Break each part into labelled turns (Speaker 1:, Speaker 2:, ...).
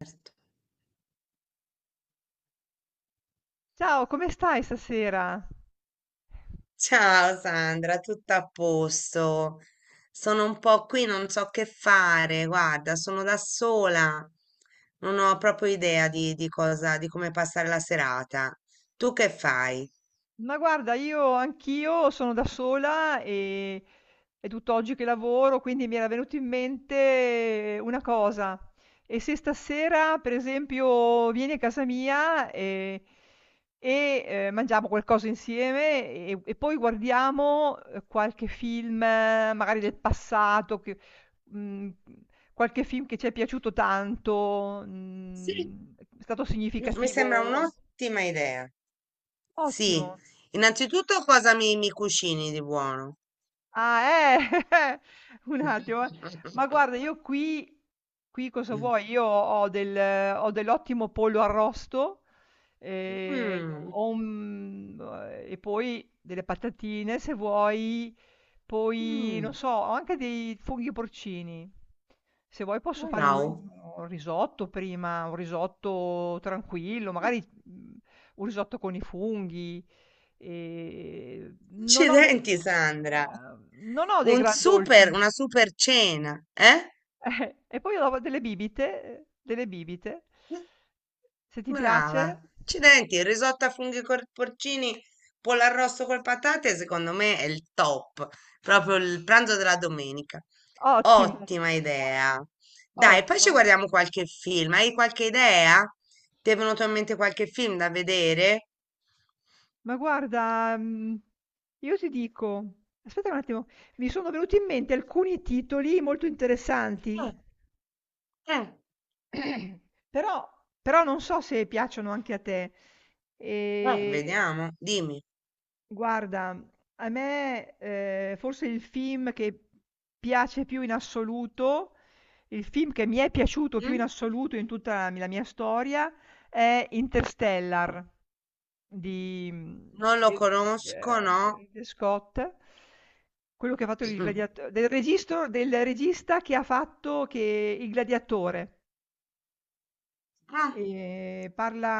Speaker 1: Certo.
Speaker 2: Ciao, come stai stasera?
Speaker 1: Ciao Sandra, tutto a posto. Sono un po' qui, non so che fare. Guarda, sono da sola. Non ho proprio idea di come passare la serata. Tu che fai?
Speaker 2: Ma guarda, io anch'io sono da sola e è tutt'oggi che lavoro, quindi mi era venuto in mente una cosa. E se stasera, per esempio, vieni a casa mia mangiamo qualcosa insieme e poi guardiamo qualche film, magari del passato, mm, qualche film che ci è piaciuto tanto,
Speaker 1: Sì,
Speaker 2: è stato
Speaker 1: mi sembra
Speaker 2: significativo.
Speaker 1: un'ottima idea. Sì,
Speaker 2: Ottimo.
Speaker 1: innanzitutto cosa mi cucini di buono?
Speaker 2: Ah, eh! Un attimo, eh. Ma guarda, io qui cosa vuoi? Io ho dell'ottimo pollo arrosto,
Speaker 1: Mm.
Speaker 2: ho un e poi delle patatine se vuoi. Poi non
Speaker 1: Mm.
Speaker 2: so, ho anche dei funghi porcini. Se vuoi posso fare
Speaker 1: Wow,
Speaker 2: un risotto prima, un risotto tranquillo, magari, un risotto con i funghi.
Speaker 1: accidenti Sandra.
Speaker 2: Non ho dei
Speaker 1: Un
Speaker 2: gran dolci.
Speaker 1: super, una super cena, eh?
Speaker 2: E poi ho delle bibite. Se ti piace?
Speaker 1: Brava. Accidenti, il risotto a funghi col porcini, pollo arrosto col patate, secondo me è il top, proprio il pranzo della domenica.
Speaker 2: Ottimo,
Speaker 1: Ottima idea. Dai, poi
Speaker 2: ottimo.
Speaker 1: ci guardiamo qualche film. Hai qualche idea? Ti è venuto in mente qualche film da vedere?
Speaker 2: Ma guarda, io ti dico, aspetta un attimo, mi sono venuti in mente alcuni titoli molto interessanti,
Speaker 1: Mm, mm,
Speaker 2: però non so se piacciono anche a te. Ehm
Speaker 1: vediamo, dimmi.
Speaker 2: Guarda, a me, forse il film che piace più in assoluto il film che mi è piaciuto più
Speaker 1: Mm?
Speaker 2: in assoluto in tutta la mia storia è Interstellar di mhmm,
Speaker 1: Non lo
Speaker 2: del
Speaker 1: conosco, no?
Speaker 2: di Scott, quello che ha fatto il
Speaker 1: Mm.
Speaker 2: gladiato del registro del regista che ha fatto che Il gladiatore.
Speaker 1: Ah.
Speaker 2: Parla,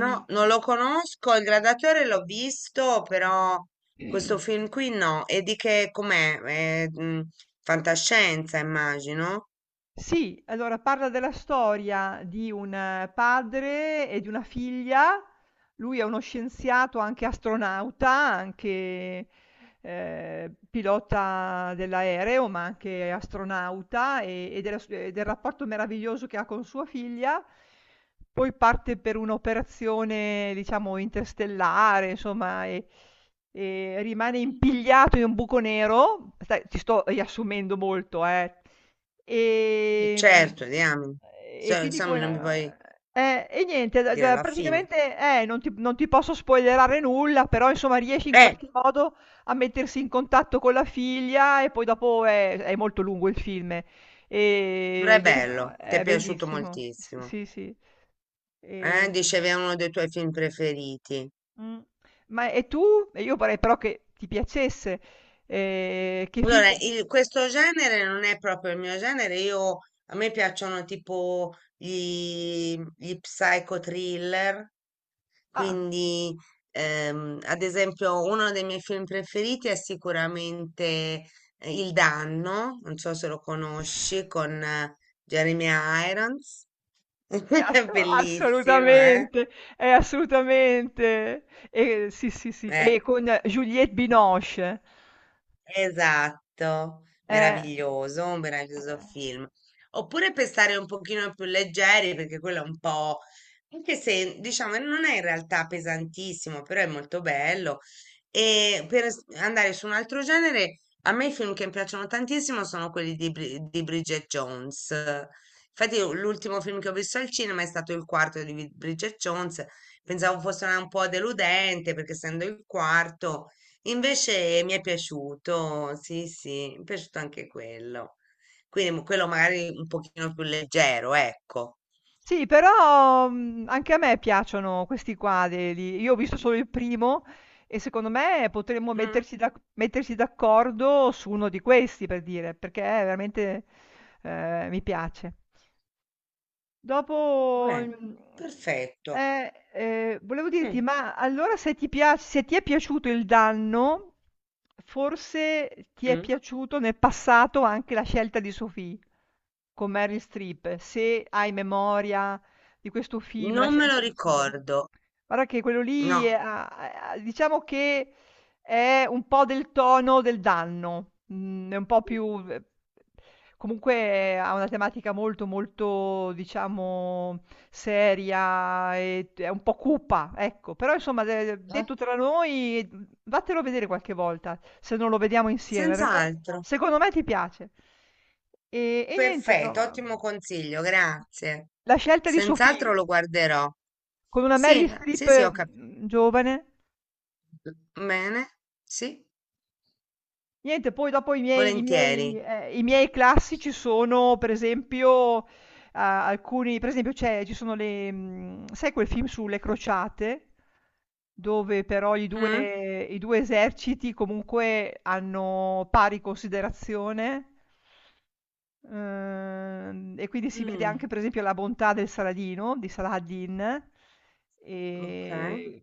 Speaker 1: No, non lo conosco, il Gladiatore l'ho visto, però questo film qui no. E di che com'è? È, mm, fantascienza, immagino.
Speaker 2: Sì, allora parla della storia di un padre e di una figlia. Lui è uno scienziato, anche astronauta, anche, pilota dell'aereo, ma anche astronauta e del rapporto meraviglioso che ha con sua figlia. Poi parte per un'operazione, diciamo, interstellare, insomma, e rimane impigliato in un buco nero. Stai Ti sto riassumendo molto, eh.
Speaker 1: Sì.
Speaker 2: Ehm
Speaker 1: Certo, diamine.
Speaker 2: e quindi
Speaker 1: Insomma,
Speaker 2: poi
Speaker 1: non mi vuoi
Speaker 2: a E niente, d
Speaker 1: dire
Speaker 2: d
Speaker 1: la fine.
Speaker 2: praticamente, non ti posso spoilerare nulla, però insomma riesce in
Speaker 1: Eh,
Speaker 2: qualche modo a mettersi in contatto con la figlia e poi dopo è molto lungo il film,
Speaker 1: però è
Speaker 2: viene fa
Speaker 1: bello, ti è
Speaker 2: è
Speaker 1: piaciuto
Speaker 2: bellissimo. S
Speaker 1: moltissimo.
Speaker 2: Sì, sì. Ehm,
Speaker 1: Dicevi è uno dei tuoi film preferiti.
Speaker 2: mh, ma e tu? E io vorrei però che ti piacesse, che film
Speaker 1: Allora,
Speaker 2: pote
Speaker 1: questo genere non è proprio il mio genere. Io, a me piacciono tipo gli psycho thriller.
Speaker 2: ah.
Speaker 1: Quindi, ad esempio, uno dei miei film preferiti è sicuramente Il Danno, non so se lo conosci, con Jeremy Irons. È
Speaker 2: Asco
Speaker 1: bellissimo, eh?
Speaker 2: Assolutamente, assolutamente. E sì, sì, sì,
Speaker 1: Eh,
Speaker 2: e con Juliette Binoche.
Speaker 1: Esatto,
Speaker 2: Eh,
Speaker 1: meraviglioso, un meraviglioso
Speaker 2: eh.
Speaker 1: film. Oppure per stare un pochino più leggeri, perché quello è un po', anche se diciamo non è in realtà pesantissimo, però è molto bello. E per andare su un altro genere, a me i film che mi piacciono tantissimo sono quelli di, di Bridget Jones. Infatti io l'ultimo film che ho visto al cinema è stato il quarto di Bridget Jones. Pensavo fosse un po' deludente, perché essendo il quarto. Invece mi è piaciuto, sì, sì, mi è piaciuto anche quello. Quindi quello magari un pochino più leggero, ecco.
Speaker 2: Sì, però, anche a me piacciono questi quadri lì. Io ho visto solo il primo e secondo me potremmo
Speaker 1: Mm,
Speaker 2: metterci d'accordo su uno di questi, per dire, perché veramente, mi piace. Dopo,
Speaker 1: beh,
Speaker 2: mhmm,
Speaker 1: perfetto.
Speaker 2: Volevo dirti,
Speaker 1: Mm,
Speaker 2: ma allora se ti è piaciuto Il danno, forse ti è
Speaker 1: mm.
Speaker 2: piaciuto nel passato anche La scelta di Sophie, con Meryl Streep. Se hai memoria di questo film, La
Speaker 1: Non me lo
Speaker 2: scelta di Sophie.
Speaker 1: ricordo,
Speaker 2: Guarda che quello lì,
Speaker 1: no.
Speaker 2: ha, diciamo che è un po' del tono del danno, mhmm, è un po' più v comunque, ha una tematica molto, molto, diciamo, seria e t è un po' cupa, ecco. Però insomma, de
Speaker 1: Eh?
Speaker 2: detto tra noi, vattelo a vedere qualche volta, se non lo vediamo insieme, perché
Speaker 1: Senz'altro.
Speaker 2: secondo me ti piace. E niente, no.
Speaker 1: Perfetto, ottimo consiglio, grazie.
Speaker 2: La scelta di suo
Speaker 1: Senz'altro
Speaker 2: figlio,
Speaker 1: lo guarderò.
Speaker 2: con una Meryl
Speaker 1: Sì, sì, sì,
Speaker 2: Streep,
Speaker 1: ho capito.
Speaker 2: giovane.
Speaker 1: Bene, sì,
Speaker 2: Niente, poi dopo i miei i miei
Speaker 1: volentieri.
Speaker 2: ehm, i miei classici sono per esempio, alcuni, per esempio c'è ci sono sai quel film sulle crociate? Dove però i
Speaker 1: Mm,
Speaker 2: 2 i 2 eserciti comunque hanno pari considerazione, e quindi si vede
Speaker 1: mm,
Speaker 2: anche per esempio la bontà del Saladino, di Saladin,
Speaker 1: ok.
Speaker 2: ehm,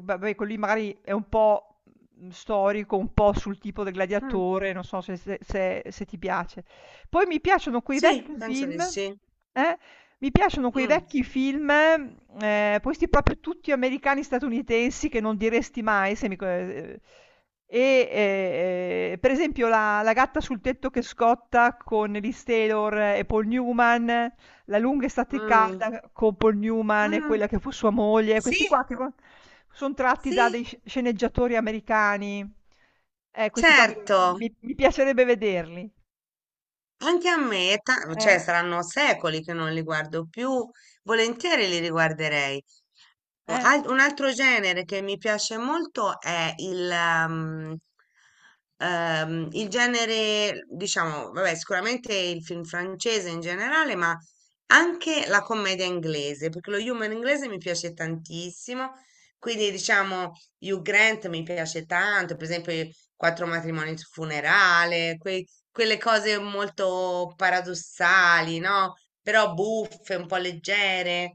Speaker 2: vabbè, quello lì magari è un po', storico, un po' sul tipo del
Speaker 1: Mm.
Speaker 2: gladiatore, non so se ti piace. Poi mi piacciono quei
Speaker 1: Sì,
Speaker 2: vecchi
Speaker 1: penso di
Speaker 2: film
Speaker 1: sì.
Speaker 2: eh, Mi piacciono quei
Speaker 1: Mh,
Speaker 2: vecchi film, questi proprio tutti americani, statunitensi, che non diresti mai, se mi co e, per esempio, La gatta sul tetto che scotta con Liz Taylor e Paul Newman, La lunga estate
Speaker 1: mh,
Speaker 2: calda con Paul Newman e
Speaker 1: mh.
Speaker 2: quella che fu sua moglie,
Speaker 1: Sì,
Speaker 2: questi qua che sono tratti
Speaker 1: sì,
Speaker 2: da dei sceneggiatori americani. Questi qua
Speaker 1: certo.
Speaker 2: mi piacerebbe vederli.
Speaker 1: Anche a me, è cioè
Speaker 2: Eh,
Speaker 1: saranno secoli che non li guardo più, volentieri li riguarderei. Un
Speaker 2: eh.
Speaker 1: al- un altro genere che mi piace molto è il, um, il genere, diciamo, vabbè, sicuramente il film francese in generale, ma anche la commedia inglese, perché lo humor inglese mi piace tantissimo. Quindi, diciamo, Hugh Grant mi piace tanto, per esempio, i Quattro matrimoni su funerale, quelle cose molto paradossali, no? Però buffe, un po' leggere.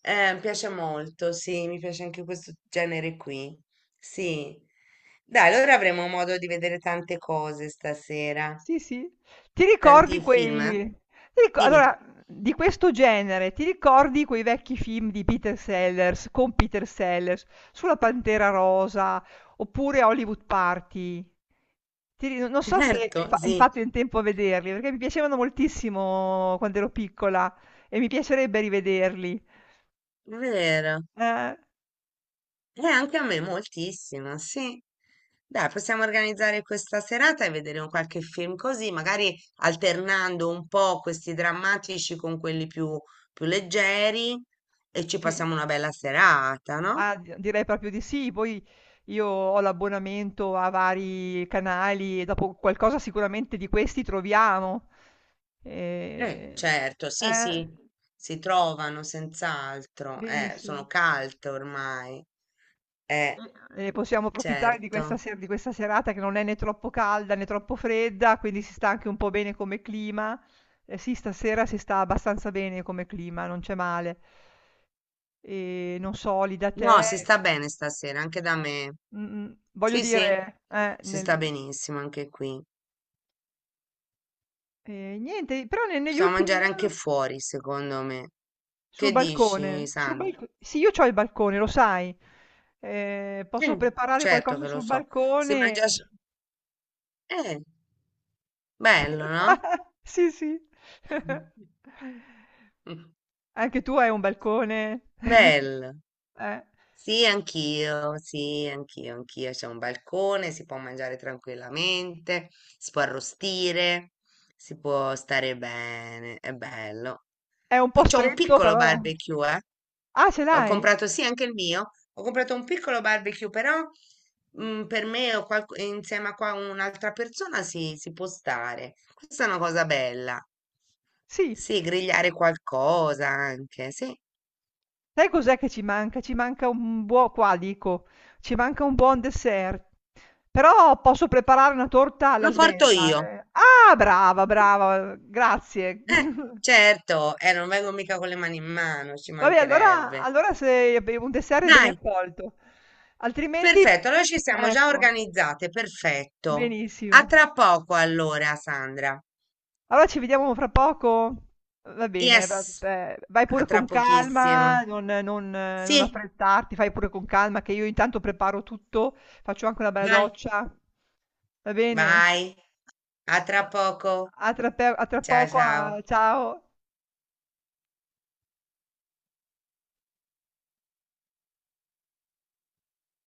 Speaker 1: Mi piace molto, sì, mi piace anche questo genere qui. Sì. Dai, allora avremo modo di vedere tante cose stasera,
Speaker 2: Sì, sì. Ti ricordi
Speaker 1: tanti film, eh?
Speaker 2: quei ti rico
Speaker 1: Dimmi.
Speaker 2: Allora, di questo genere, ti ricordi quei vecchi film di Peter Sellers con Peter Sellers, sulla Pantera Rosa, oppure Hollywood Party? Ti ri Non so se
Speaker 1: Certo,
Speaker 2: hai
Speaker 1: sì,
Speaker 2: fatto in tempo a vederli, perché mi piacevano moltissimo quando ero piccola e mi piacerebbe rivederli.
Speaker 1: è vero.
Speaker 2: Eh,
Speaker 1: Anche a me moltissimo, sì. Dai, possiamo organizzare questa serata e vedere un qualche film così, magari alternando un po' questi drammatici con quelli più, più leggeri e ci
Speaker 2: sì.
Speaker 1: passiamo una bella serata, no?
Speaker 2: Ah, d direi proprio di sì. Poi io ho l'abbonamento a vari canali e dopo qualcosa sicuramente di questi troviamo. Ehm,
Speaker 1: Certo, sì,
Speaker 2: eh,
Speaker 1: sì, si trovano senz'altro, sono
Speaker 2: Benissimo.
Speaker 1: calte ormai, eh,
Speaker 2: E possiamo approfittare di questa
Speaker 1: certo.
Speaker 2: serata, che non è né troppo calda né troppo fredda, quindi si sta anche un po' bene come clima. Eh sì, stasera si sta abbastanza bene come clima, non c'è male. Non so lì da te.
Speaker 1: No, si sta bene stasera, anche da me.
Speaker 2: Mh-mh, voglio
Speaker 1: Sì, sì,
Speaker 2: dire,
Speaker 1: si sta
Speaker 2: nel
Speaker 1: benissimo anche qui.
Speaker 2: E niente, però negli
Speaker 1: Possiamo
Speaker 2: ultimi
Speaker 1: mangiare anche
Speaker 2: giorni,
Speaker 1: fuori, secondo me.
Speaker 2: sul
Speaker 1: Che dici,
Speaker 2: balcone, sul
Speaker 1: Sandra?
Speaker 2: balco- sì, io ho il balcone, lo sai.
Speaker 1: Sì,
Speaker 2: Posso preparare
Speaker 1: certo
Speaker 2: qualcosa
Speaker 1: che lo
Speaker 2: sul
Speaker 1: so. Si
Speaker 2: balcone.
Speaker 1: mangia... s- Eh, bello, no?
Speaker 2: Sì, sì. Anche tu hai un balcone.
Speaker 1: Bello.
Speaker 2: Eh,
Speaker 1: Sì, anch'io, anch'io. C'è un balcone, si può mangiare tranquillamente, si può arrostire, si può stare bene, è bello.
Speaker 2: È un po'
Speaker 1: C'ho un
Speaker 2: stretto,
Speaker 1: piccolo
Speaker 2: però.
Speaker 1: barbecue, eh?
Speaker 2: Ah, ce
Speaker 1: Ho
Speaker 2: l'hai?
Speaker 1: comprato, sì, anche il mio. Ho comprato un piccolo barbecue, però mm, per me o insieme a qua un'altra persona sì, si può stare. Questa è una cosa bella.
Speaker 2: Sì.
Speaker 1: Sì, grigliare qualcosa anche, sì.
Speaker 2: Sai cos'è che ci manca? Ci manca un buo qua dico, Ci manca un buon dessert. Però posso preparare una torta alla
Speaker 1: Lo porto
Speaker 2: svelta,
Speaker 1: io.
Speaker 2: eh. Ah, brava, brava, grazie.
Speaker 1: Certo, non vengo mica con le mani in mano, ci
Speaker 2: Vabbè, allora,
Speaker 1: mancherebbe.
Speaker 2: se un dessert è ben
Speaker 1: Dai,
Speaker 2: accolto, altrimenti,
Speaker 1: perfetto, allora ci siamo già
Speaker 2: ecco,
Speaker 1: organizzate, perfetto. A
Speaker 2: benissimo.
Speaker 1: tra poco allora, Sandra.
Speaker 2: Allora ci vediamo fra poco? Va bene, va
Speaker 1: Yes,
Speaker 2: beh, vai
Speaker 1: a
Speaker 2: pure
Speaker 1: tra
Speaker 2: con
Speaker 1: pochissimo.
Speaker 2: calma, non non
Speaker 1: Sì,
Speaker 2: affrettarti, fai pure con calma che io intanto preparo tutto, faccio anche una bella
Speaker 1: dai.
Speaker 2: doccia. Va bene?
Speaker 1: Vai, a tra
Speaker 2: A
Speaker 1: poco.
Speaker 2: a tra
Speaker 1: Ciao
Speaker 2: poco,
Speaker 1: ciao.
Speaker 2: a ciao.